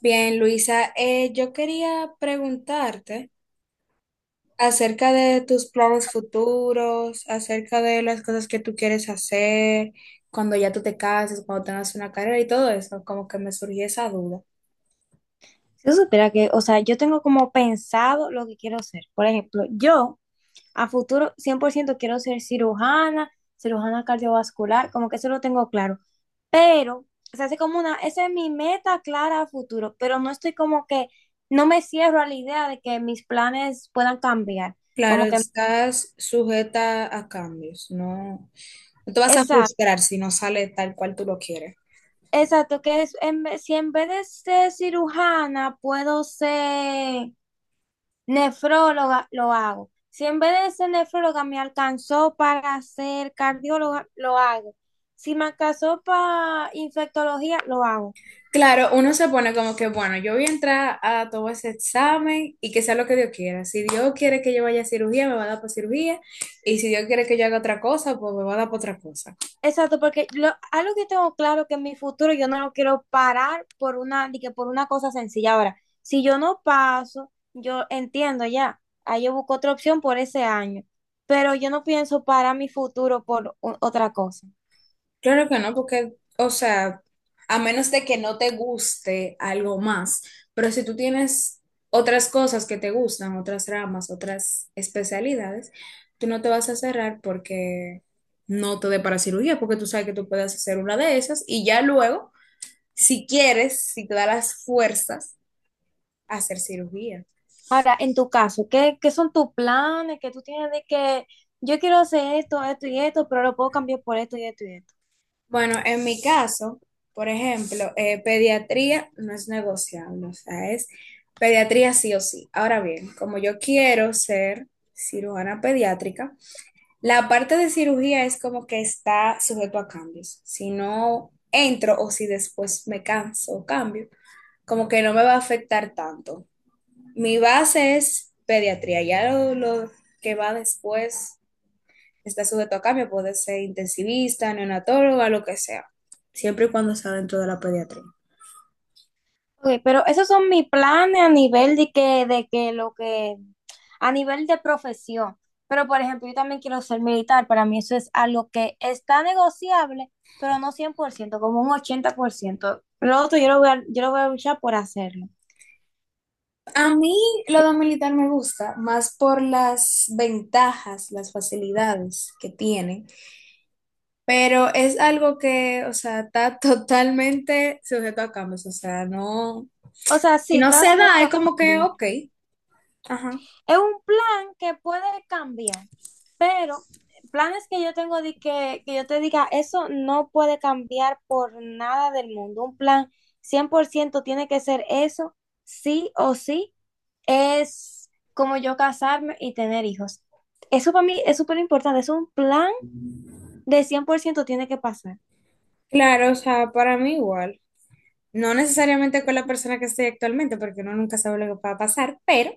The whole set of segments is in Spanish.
Bien, Luisa, yo quería preguntarte acerca de tus planes futuros, acerca de las cosas que tú quieres hacer, cuando ya tú te cases, cuando tengas una carrera y todo eso, como que me surgió esa duda. Si tú supieras que, o sea, yo tengo como pensado lo que quiero ser. Por ejemplo, yo a futuro 100% quiero ser cirujana, cirujana cardiovascular, como que eso lo tengo claro. Pero, o sea, es como esa es mi meta clara a futuro, pero no estoy como que, no me cierro a la idea de que mis planes puedan cambiar. Claro, Como que, estás sujeta a cambios, no, no te vas a exacto, frustrar si no sale tal cual tú lo quieres. exacto, que es, en, vez- si en vez de ser cirujana puedo ser nefróloga lo hago. Si en vez de ser nefróloga me alcanzó para ser cardióloga, lo hago. Si me alcanzó para infectología, lo hago. Claro, uno se pone como que, bueno, yo voy a entrar a todo ese examen y que sea lo que Dios quiera. Si Dios quiere que yo vaya a cirugía, me va a dar por cirugía. Y si Dios quiere que yo haga otra cosa, pues me va a dar por otra cosa. Exacto, algo que tengo claro que en mi futuro yo no lo quiero parar por una, de que por una cosa sencilla. Ahora, si yo no paso, yo entiendo ya. Ahí yo busco otra opción por ese año. Pero yo no pienso parar mi futuro por otra cosa. Claro que no, porque, o sea, a menos de que no te guste algo más, pero si tú tienes otras cosas que te gustan, otras ramas, otras especialidades, tú no te vas a cerrar porque no te dé para cirugía, porque tú sabes que tú puedes hacer una de esas y ya luego si quieres, si te da las fuerzas, hacer cirugía. Ahora, en tu caso, ¿qué son tus planes? ¿Que tú tienes de que yo quiero hacer esto, esto y esto, pero lo puedo cambiar por esto y esto y esto? Bueno, en mi caso, por ejemplo, pediatría no es negociable, o sea, es pediatría sí o sí. Ahora bien, como yo quiero ser cirujana pediátrica, la parte de cirugía es como que está sujeto a cambios. Si no entro o si después me canso o cambio, como que no me va a afectar tanto. Mi base es pediatría, ya lo que va después está sujeto a cambio, puede ser intensivista, neonatóloga, lo que sea, siempre y cuando sea dentro de la pediatría. Ok, pero esos son mis planes a nivel de que lo que, a nivel de profesión. Pero, por ejemplo, yo también quiero ser militar. Para mí eso es algo que está negociable, pero no 100%, como un 80%. Lo otro yo lo voy a luchar por hacerlo. A mí lo de militar me gusta más por las ventajas, las facilidades que tiene, pero es algo que, o sea, está totalmente sujeto a cambios, o sea, no, O sea, y sí, no está se da, sujeto es a como que, cambio. ok, ajá, Es un plan que puede cambiar, pero planes que yo tengo que yo te diga, eso no puede cambiar por nada del mundo. Un plan 100% tiene que ser eso, sí o sí, es como yo casarme y tener hijos. Eso para mí es súper importante, es un plan de 100% tiene que pasar. claro, o sea, para mí igual, no necesariamente con la persona que estoy actualmente, porque uno nunca sabe lo que va a pasar, pero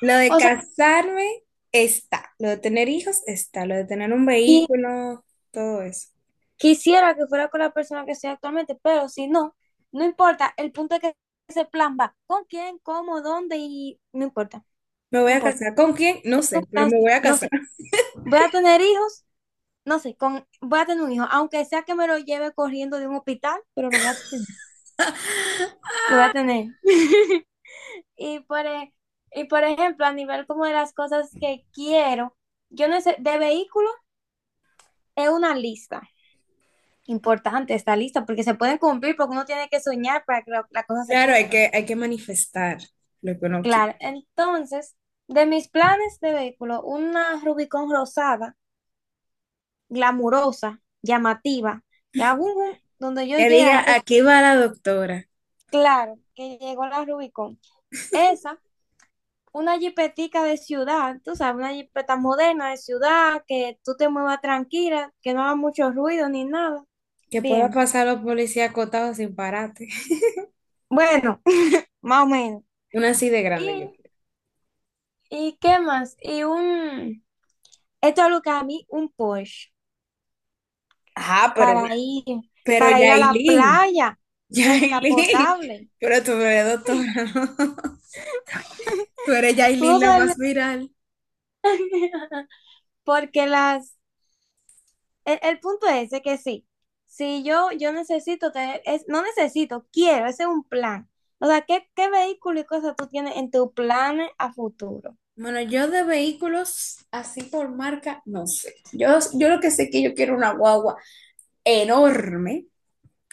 lo de O sea, casarme está, lo de tener hijos está, lo de tener un qui- vehículo, todo eso. quisiera que fuera con la persona que estoy actualmente, pero si no, no importa. El punto es que ese plan va con quién, cómo, dónde y no importa, Me voy no a importa. casar. ¿Con quién? No Es un sé, pero plan, me voy a no casar. sé. Voy a tener hijos, no sé, voy a tener un hijo, aunque sea que me lo lleve corriendo de un hospital, pero lo voy a tener, lo voy a tener. Y por, e- y por ejemplo, a nivel como de las cosas que quiero, yo no sé, de vehículo es una lista. Importante esta lista porque se pueden cumplir, porque uno tiene que soñar para que las cosas se Claro, cumplan. Hay que manifestar lo que uno quiere. Claro, entonces, de mis planes de vehículo, una Rubicon rosada, glamurosa, llamativa, que aún donde yo Que llegue la diga, gente. aquí va la doctora. Claro, que llegó la Rubicon. Esa, una jipetica de ciudad, tú sabes, una jipeta moderna de ciudad, que tú te muevas tranquila, que no haga mucho ruido ni nada. Que pueda Bien, pasar los policías acotados sin parate. bueno, más o menos. Una así de grande, yo ¿Y, quiero. y qué más? Y esto es lo que a mí, un Porsche, Ajá, para ir, pero para ir a la Yailin, playa, Yailin. descapotable. Pero tú no eres doctora, ¿no? Tú eres Tú no Yailin la sabes, más viral. porque las, el punto es de que sí, si yo, yo necesito tener, no necesito, quiero, ese es un plan. O sea, ¿qué vehículo y cosas tú tienes en tu plan a futuro? Bueno, yo de vehículos así por marca, no sé. Yo lo que sé es que yo quiero una guagua enorme,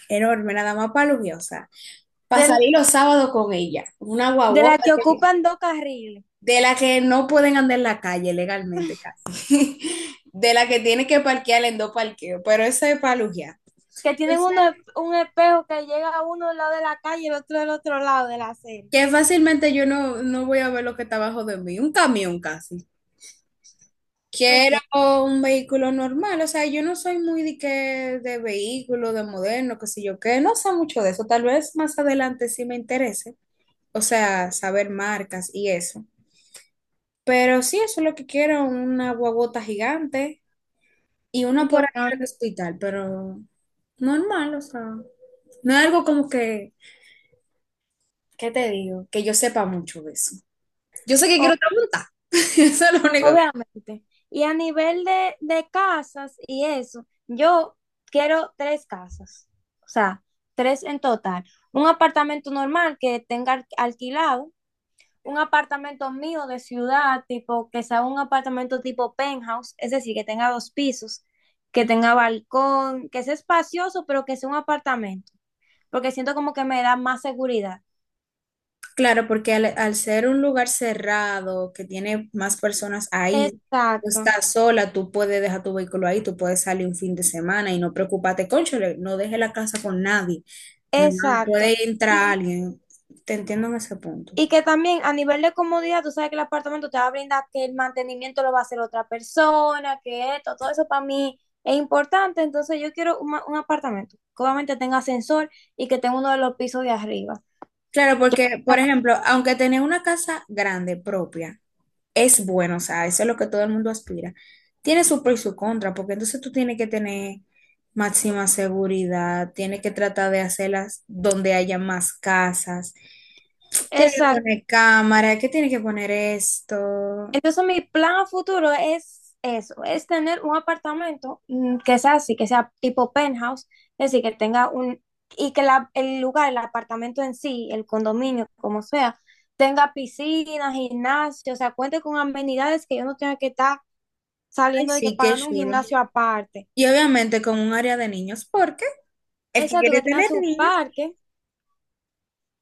enorme, nada más para los días, o sea, para Del, salir los sábados con ella. Una de guagua las que ocupan dos carriles, de la que no pueden andar en la calle legalmente casi. De la que tiene que parquear en dos parqueos, pero esa es para lujear. que Yo tienen sé un espejo que llega a uno del lado de la calle y el otro del otro lado de la acera. que fácilmente yo no voy a ver lo que está abajo de mí, un camión casi. Ok, Quiero un vehículo normal, o sea, yo no soy muy de vehículo, de moderno, qué sé yo que no sé mucho de eso, tal vez más adelante sí me interese, o sea, saber marcas y eso, pero sí, eso es lo que quiero, una guagota gigante y una para ir importante. al hospital, pero normal, o sea, no es algo como que, ¿qué te digo? Que yo sepa mucho de eso. Yo sé que quiero otra monta, eso es lo único. Obviamente. Y a nivel de casas y eso, yo quiero tres casas, o sea, tres en total. Un apartamento normal que tenga alquilado, un apartamento mío de ciudad, tipo que sea un apartamento tipo penthouse, es decir, que tenga dos pisos, que tenga balcón, que sea espacioso, pero que sea un apartamento, porque siento como que me da más seguridad. Claro, porque al ser un lugar cerrado que tiene más personas ahí, tú Exacto, estás sola, tú puedes dejar tu vehículo ahí, tú puedes salir un fin de semana y no preocuparte, cónchale, no deje la casa con nadie, mi mamá, exacto. puede entrar alguien, te entiendo en ese punto. Y que también a nivel de comodidad, tú sabes que el apartamento te va a brindar que el mantenimiento lo va a hacer otra persona, que esto, todo eso para mí es importante. Entonces yo quiero un apartamento que obviamente tenga ascensor y que tenga uno de los pisos de arriba. Claro, porque, por ejemplo, aunque tenía una casa grande propia, es bueno, o sea, eso es lo que todo el mundo aspira. Tiene su pro y su contra, porque entonces tú tienes que tener máxima seguridad, tienes que tratar de hacerlas donde haya más casas, tienes que Exacto. poner cámara, que tienes que poner esto. Entonces, mi plan a futuro es eso, es tener un apartamento que sea así, que sea tipo penthouse, es decir, y que el lugar, el apartamento en sí, el condominio, como sea, tenga piscina, gimnasio, o sea, cuente con amenidades que yo no tenga que estar Ay, saliendo de que sí, qué pagando un chulo. gimnasio aparte. Y obviamente con un área de niños, porque el que Exacto, que quiere tenga tener su niños, parque,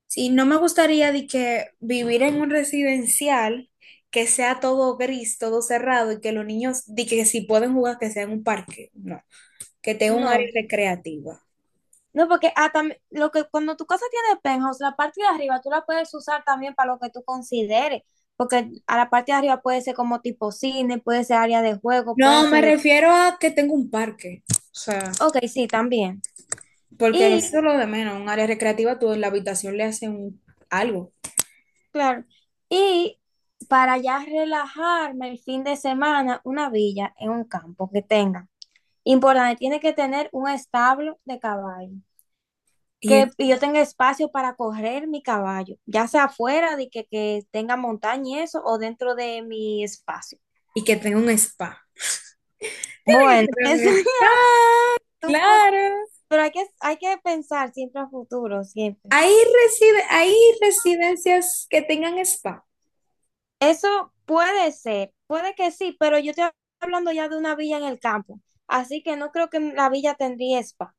sí, no me gustaría de que vivir en un residencial que sea todo gris, todo cerrado y que los niños, de que si pueden jugar, que sea en un parque. No. Que tenga un área no. recreativa. No, porque cuando tu casa tiene penthouse, la parte de arriba tú la puedes usar también para lo que tú consideres. Porque a la parte de arriba puede ser como tipo cine, puede ser área de juego, puede No, ser me de... refiero a que tenga un parque. O sea, Ok, sí, también. porque eso es Y, lo de menos. Un área recreativa, tú en la habitación le hacen algo. claro, y para ya relajarme el fin de semana, una villa en un campo que tenga. Importante, tiene que tener un establo de caballo. Y, Que es- yo tenga espacio para correr mi caballo, ya sea afuera de que tenga montaña y eso, o dentro de mi espacio. y que tenga un spa. Tiene Bueno, que tener eso un es spa, un poco, claro. pero hay que pensar siempre a futuro, siempre. Hay residencias que tengan spa. Eso puede ser, puede que sí, pero yo estoy hablando ya de una villa en el campo, así que no creo que la villa tendría spa.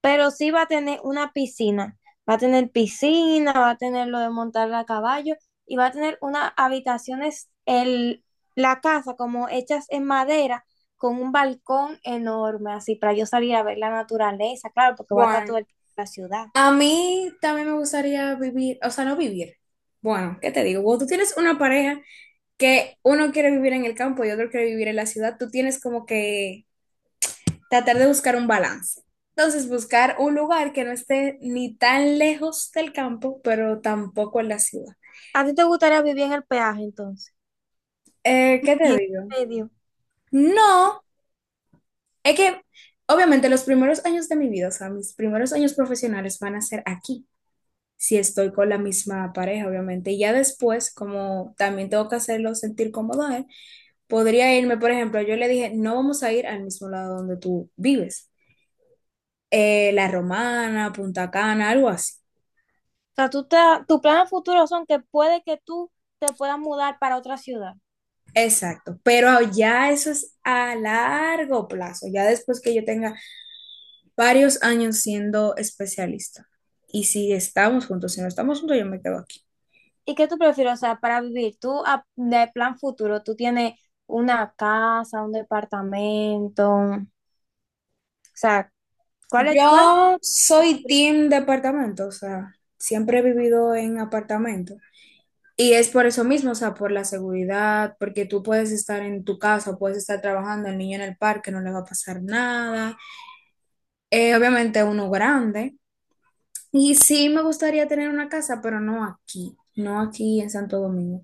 Pero sí va a tener una piscina. Va a tener piscina, va a tener lo de montar a caballo y va a tener unas habitaciones, la casa como hechas en madera con un balcón enorme, así para yo salir a ver la naturaleza, claro, porque va a estar Bueno, toda la ciudad. a mí también me gustaría vivir, o sea, no vivir. Bueno, ¿qué te digo? Cuando tú tienes una pareja que uno quiere vivir en el campo y otro quiere vivir en la ciudad, tú tienes como que tratar de buscar un balance. Entonces, buscar un lugar que no esté ni tan lejos del campo, pero tampoco en la ciudad. ¿A ti te gustaría vivir en el peaje entonces? ¿Qué te En digo? medio. O No, es que obviamente los primeros años de mi vida, o sea, mis primeros años profesionales van a ser aquí, si estoy con la misma pareja, obviamente. Y ya después, como también tengo que hacerlo sentir cómodo a él, podría irme, por ejemplo, yo le dije, no vamos a ir al mismo lado donde tú vives, La Romana, Punta Cana, algo así. sea, tus planes futuros son que puede que tú te puedas mudar para otra ciudad. Exacto, pero ya eso es a largo plazo, ya después que yo tenga varios años siendo especialista. Y si estamos juntos, si no estamos juntos, yo me quedo aquí. ¿Y qué tú prefieres, o sea, para vivir? Tú, de plan futuro, tú tienes una casa, un departamento, o sea, cuál Yo es tu soy pri- team departamento, o sea, siempre he vivido en apartamento. Y es por eso mismo, o sea, por la seguridad, porque tú puedes estar en tu casa, puedes estar trabajando, el niño en el parque, no le va a pasar nada. Obviamente uno grande, y sí me gustaría tener una casa, pero no aquí, no aquí en Santo Domingo.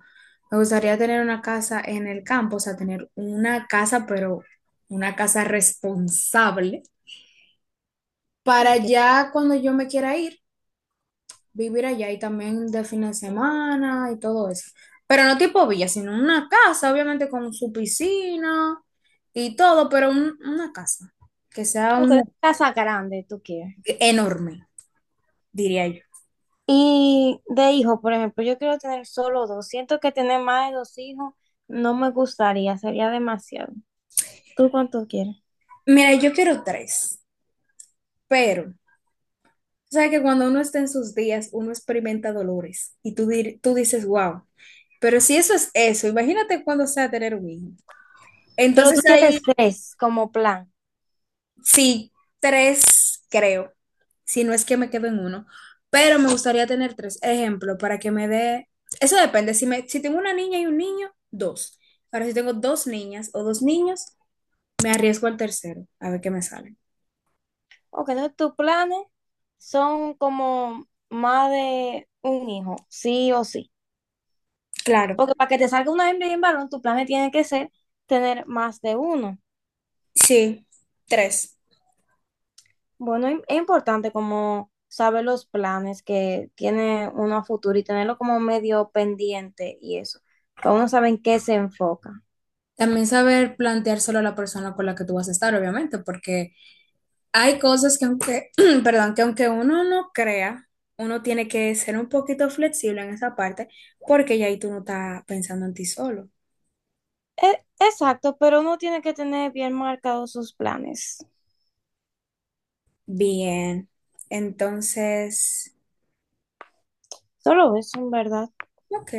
Me gustaría tener una casa en el campo, o sea, tener una casa, pero una casa responsable, para ok, ya cuando yo me quiera ir, vivir allá y también de fin de semana y todo eso. Pero no tipo villa, sino una casa, obviamente con su piscina y todo, pero una casa que sea ok, ¿una casa grande tú quieres? enorme, diría yo. Y de hijo, por ejemplo, yo quiero tener solo dos. Siento que tener más de dos hijos no me gustaría, sería demasiado. ¿Tú cuánto quieres? Mira, yo quiero tres, pero... O sea que cuando uno está en sus días, uno experimenta dolores y tú, tú dices, wow, pero si eso es eso, imagínate cuando sea tener un hijo. Pero tú Entonces quieres hay tres como plan. sí, tres creo, si no es que me quedo en uno, pero me gustaría tener tres ejemplos para que me dé, eso depende, si tengo una niña y un niño, dos. Ahora si tengo dos niñas o dos niños, me arriesgo al tercero, a ver qué me sale. Ok, entonces tus planes son como más de un hijo, sí o sí. Claro, Porque para que te salga una hembra y un varón, tu plan tiene que ser tener más de uno. sí, tres. Bueno, es importante como saber los planes que tiene uno a futuro y tenerlo como medio pendiente y eso, para uno saber en qué se enfoca. También saber planteárselo a la persona con la que tú vas a estar, obviamente, porque hay cosas que aunque, perdón, que aunque uno no crea, uno tiene que ser un poquito flexible en esa parte, porque ya ahí tú no estás pensando en ti solo. Exacto, pero uno tiene que tener bien marcados sus planes. Bien, entonces, Solo eso, en verdad. ok.